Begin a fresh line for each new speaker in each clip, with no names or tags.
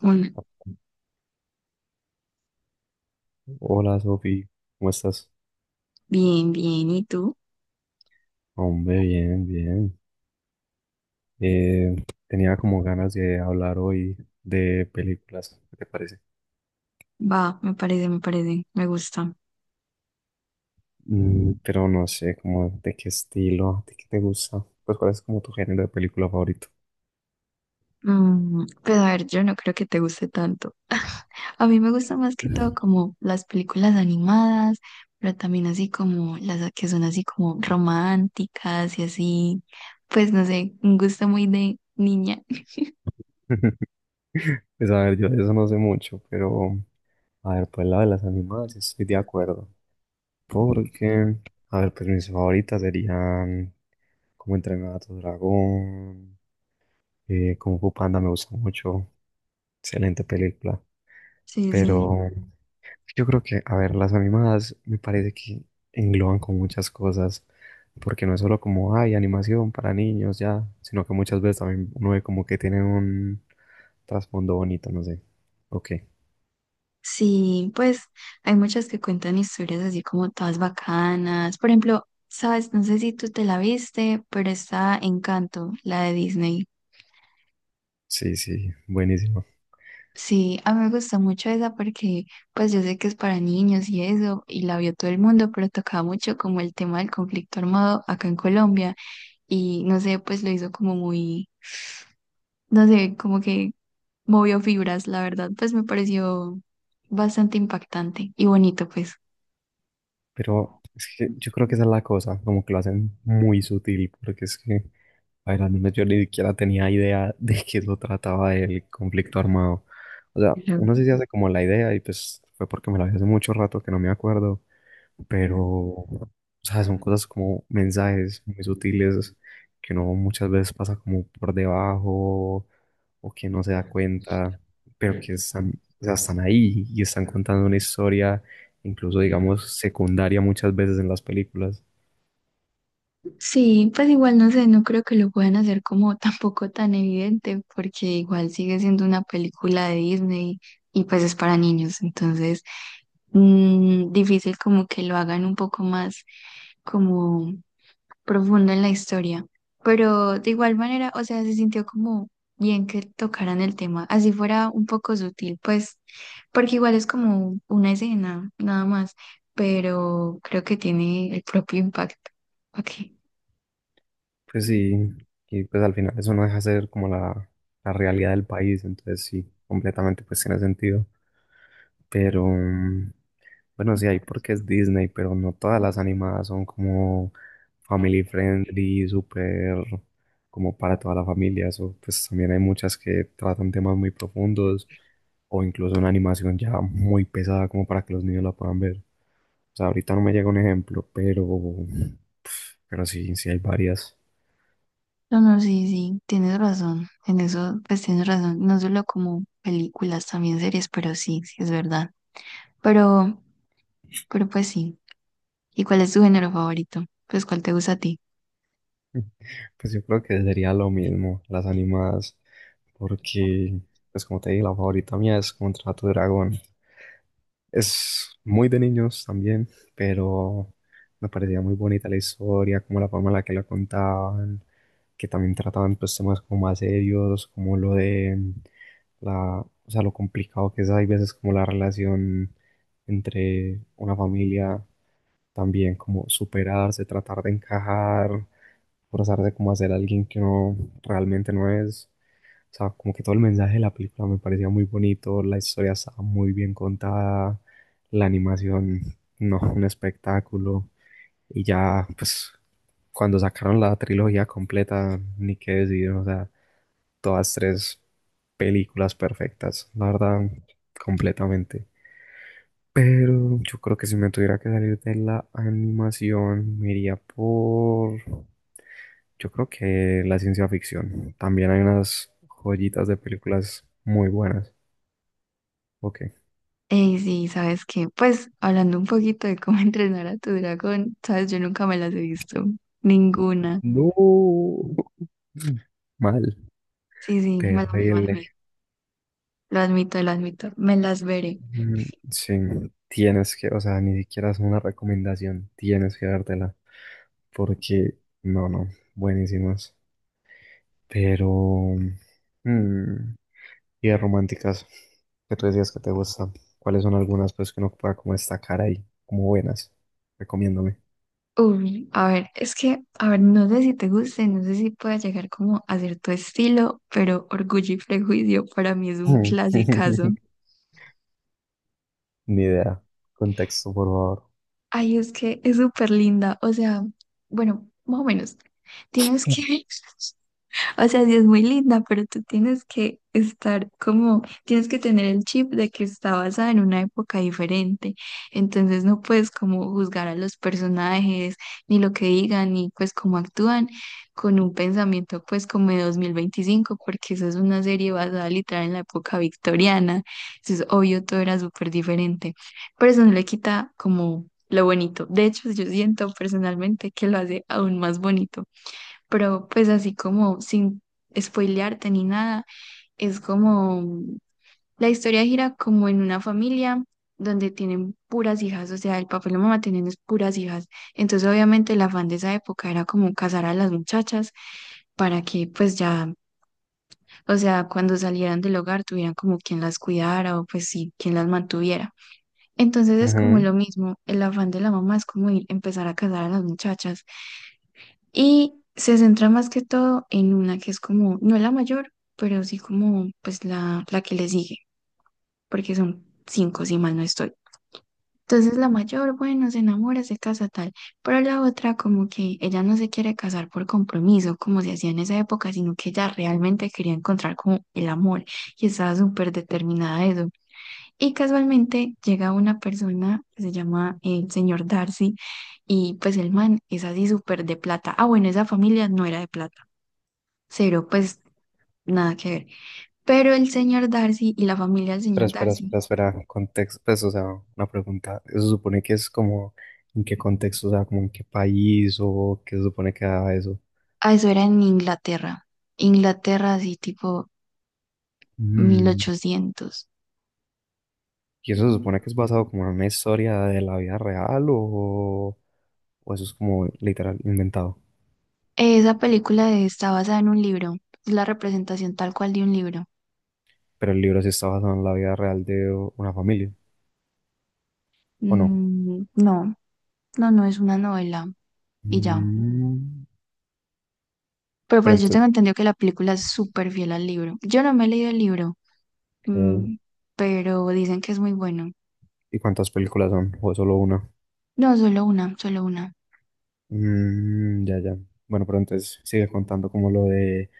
Hola,
Hola Sofi, ¿cómo estás?
bien, bien. ¿Y tú?
Hombre, bien, bien. Eh, tenía como ganas de hablar hoy de películas, ¿qué te parece?
Va, me parece, me gusta.
Pero no sé, como de qué estilo, de qué te gusta. Pues cuál es como tu género de película favorito.
Pues a ver, yo no creo que te guste tanto. A mí me gusta más que todo como las películas animadas, pero también así como las que son así como románticas y así. Pues no sé, un gusto muy de niña.
Pues a ver, yo de eso no sé mucho, pero a ver, pues la de las animadas sí estoy de acuerdo. Porque, a ver, pues mis favoritas serían como entrenar a tu dragón. Kung Fu Panda me gusta mucho, excelente película.
Sí, sí.
Pero yo creo que, a ver, las animadas me parece que engloban con muchas cosas, porque no es solo como, hay animación para niños ya, sino que muchas veces también uno ve como que tienen un trasfondo bonito, no sé. Ok,
Sí, pues hay muchas que cuentan historias así como todas bacanas. Por ejemplo, sabes, no sé si tú te la viste, pero está Encanto, la de Disney.
sí, sí, buenísimo.
Sí, a mí me gustó mucho esa porque pues yo sé que es para niños y eso, y la vio todo el mundo, pero tocaba mucho como el tema del conflicto armado acá en Colombia y no sé, pues lo hizo como muy, no sé, como que movió fibras, la verdad, pues me pareció bastante impactante y bonito, pues.
Pero es que yo creo que esa es la cosa, como que lo hacen muy sutil, porque es que, a ver, al menos yo ni siquiera tenía idea de que eso trataba el conflicto armado. O sea, uno sí se hace como la idea y pues fue porque me la vi hace mucho rato que no me acuerdo, pero, o sea, son cosas como mensajes muy sutiles que uno muchas veces pasa como por debajo o que no se da cuenta, pero que están, o sea, están ahí y están contando una historia, incluso digamos secundaria muchas veces en las películas.
Sí, pues igual no sé, no creo que lo puedan hacer como tampoco tan evidente, porque igual sigue siendo una película de Disney y pues es para niños, entonces difícil como que lo hagan un poco más como profundo en la historia. Pero de igual manera, o sea, se sintió como bien que tocaran el tema, así fuera un poco sutil, pues, porque igual es como una escena, nada más, pero creo que tiene el propio impacto. Ok.
Pues sí, y pues al final eso no deja de ser como la realidad del país, entonces sí, completamente pues tiene sentido. Pero, bueno, sí hay porque es Disney, pero no todas las animadas son como family friendly, súper como para toda la familia. Eso, pues también hay muchas que tratan temas muy profundos o incluso una animación ya muy pesada como para que los niños la puedan ver. O sea, ahorita no me llega un ejemplo, pero, pero sí, sí hay varias.
No, no, sí, sí, tienes razón. En eso, pues tienes razón. No solo como películas, también series, pero sí, sí es verdad. Pero, pero pues sí. ¿Y cuál es tu género favorito? Pues cuál te gusta a ti.
Pues yo creo que sería lo mismo, las animadas, porque, pues como te dije, la favorita mía es Contrato Dragón. Es muy de niños también, pero me parecía muy bonita la historia, como la forma en la que la contaban, que también trataban pues temas como más serios, como lo de la, o sea, lo complicado que es, hay veces como la relación entre una familia, también como superarse, tratar de encajar, forzarse como a ser alguien que no realmente no es. O sea, como que todo el mensaje de la película me parecía muy bonito, la historia estaba muy bien contada, la animación, no, un espectáculo. Y ya, pues, cuando sacaron la trilogía completa, ni qué decir, o sea, todas tres películas perfectas, la verdad, completamente. Pero yo creo que si me tuviera que salir de la animación, me iría por, yo creo que la ciencia ficción. También hay unas joyitas de películas muy buenas. Ok.
Ey, sí, ¿sabes qué? Pues hablando un poquito de cómo entrenar a tu dragón, ¿sabes? Yo nunca me las he visto. Ninguna.
No. Mal.
Sí, sí, mala mía, mala
Terrible.
mía. Lo admito, lo admito. Me las veré.
Mm. Sí. Tienes que, o sea, ni siquiera es una recomendación. Tienes que dártela. Porque, no, no. Buenísimas. Pero mm, y de románticas. Que tú decías que te gustan. ¿Cuáles son algunas, pues, que uno pueda como destacar ahí? Como buenas. Recomiéndome.
Uy, a ver, a ver, no sé si te guste, no sé si pueda llegar como a cierto estilo, pero Orgullo y Prejuicio para mí es un clasicazo.
Ni idea. Contexto, por favor.
Ay, es que es súper linda, o sea, bueno, más o menos. Tienes que, O sea, sí es muy linda, pero tú tienes que estar como, tienes que tener el chip de que está basada en una época diferente. Entonces no puedes como juzgar a los personajes, ni lo que digan, ni pues cómo actúan con un pensamiento pues como de 2025, porque esa es una serie basada literal en la época victoriana. Entonces, obvio, todo era súper diferente. Pero eso no le quita como lo bonito. De hecho, yo siento personalmente que lo hace aún más bonito, pero pues así como sin spoilearte ni nada, es como la historia gira como en una familia donde tienen puras hijas, o sea, el papá y la mamá tienen es puras hijas. Entonces, obviamente, el afán de esa época era como casar a las muchachas para que pues ya, o sea, cuando salieran del hogar tuvieran como quien las cuidara o pues sí, quien las mantuviera. Entonces es como lo
Ujú.
mismo, el afán de la mamá es como ir, empezar a casar a las muchachas. Y se centra más que todo en una que es como, no es la mayor, pero sí como pues la que le sigue, porque son cinco si mal no estoy. Entonces la mayor, bueno, se enamora, se casa tal, pero la otra como que ella no se quiere casar por compromiso, como se hacía en esa época, sino que ella realmente quería encontrar como el amor y estaba súper determinada a eso. Y casualmente llega una persona que se llama el señor Darcy y pues el man es así súper de plata. Ah, bueno, esa familia no era de plata. Cero, pues nada que ver. Pero el señor Darcy y la familia del
Pero
señor
espera,
Darcy,
espera, espera, contexto, pues, o sea, una pregunta, ¿eso supone que es como, en qué contexto, o sea, como en qué país o qué se supone que da eso?
ah, eso era en Inglaterra. Inglaterra, así tipo mil
Mm.
ochocientos
¿Y eso se supone que es basado como en una historia de la vida real o eso es como literal inventado?
Esa película está basada en un libro. Es la representación tal cual de un libro.
Pero el libro sí está basado en la vida real de una familia, ¿o no?
No, no, no es una novela. Y ya.
Mm,
Pero
pero
pues yo tengo
entonces,
entendido que la película es súper fiel al libro. Yo no me he leído el libro,
ok,
mm, pero dicen que es muy bueno.
¿y cuántas películas son? ¿O es solo una?
No, solo una, solo una.
Mm, ya, ya. Bueno, pero entonces sigue contando como lo de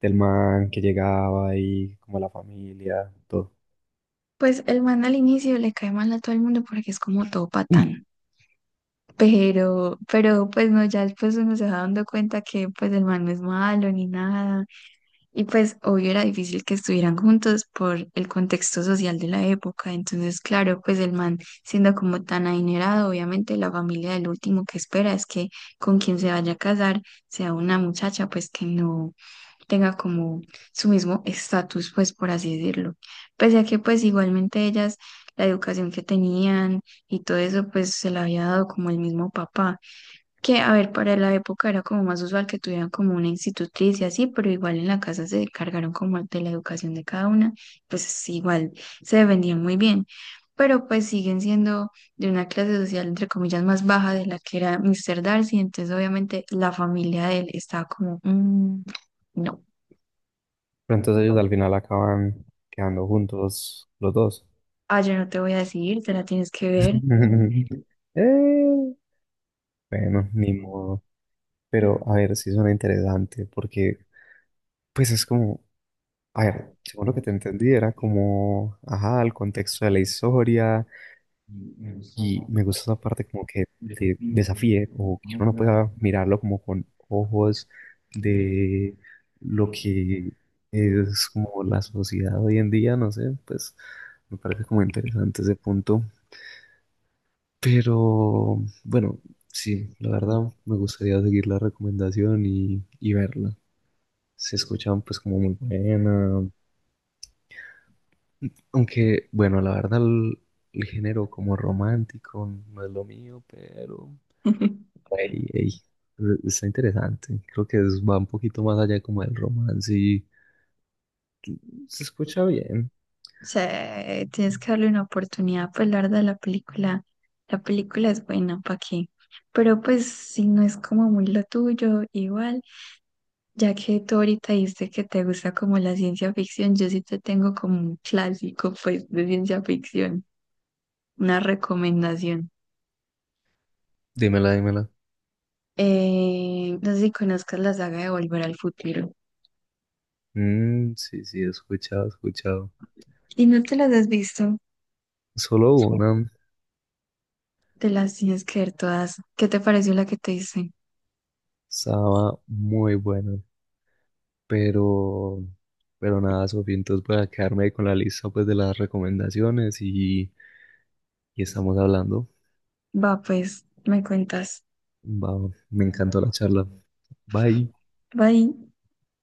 del man que llegaba y como la familia, todo.
Pues el man al inicio le cae mal a todo el mundo porque es como todo
Pero
patán. Pero pues no, ya después uno se va dando cuenta que pues el man no es malo ni nada. Y pues obvio era difícil que estuvieran juntos por el contexto social de la época. Entonces, claro, pues el man siendo como tan adinerado, obviamente la familia del último que espera es que con quien se vaya a casar sea una muchacha pues que no tenga como su mismo estatus, pues por así decirlo. Pese a que pues igualmente ellas, la educación que tenían y todo eso, pues se la había dado como el mismo papá, que a ver, para la época era como más usual que tuvieran como una institutriz y así, pero igual en la casa se encargaron como de la educación de cada una, pues sí, igual se defendían muy bien, pero pues siguen siendo de una clase social entre comillas más baja de la que era Mr. Darcy, entonces obviamente la familia de él estaba como, "Mm, no".
entonces ellos al final acaban quedando juntos los dos.
Ah, yo no te voy a decir, te la tienes que ver.
Eh, bueno, ni modo. Pero a ver, sí suena interesante porque pues es como, a ver, según lo que te entendí era como, ajá, el contexto de la historia. Y me gusta esa parte como que te desafíe o que uno no pueda mirarlo como con ojos de lo que es como la sociedad hoy en día, no sé, pues me parece como interesante ese punto. Pero bueno, sí, la verdad me gustaría seguir la recomendación y verla. Se escuchan pues como muy buena, aunque bueno, la verdad el género como romántico no es lo mío, pero... Ey, ey, Está interesante. Creo que va un poquito más allá como del romance y se escucha bien.
O sea, tienes que darle una oportunidad, pues la verdad la película es buena, ¿para qué? Pero pues si no es como muy lo tuyo, igual, ya que tú ahorita dijiste que te gusta como la ciencia ficción, yo sí te tengo como un clásico, pues, de ciencia ficción, una recomendación.
Dímela, dímela.
No sé si conozcas la saga de Volver al Futuro.
Mm, sí, sí, he escuchado, he escuchado.
Si no te las has visto,
Solo una
te las tienes que ver todas. ¿Qué te pareció la que te hice?
estaba muy buena, pero, pero nada, Sofía, entonces voy a quedarme con la lista pues de las recomendaciones y estamos hablando.
Va, pues, me cuentas.
Va, me encantó la charla. Bye.
Bye.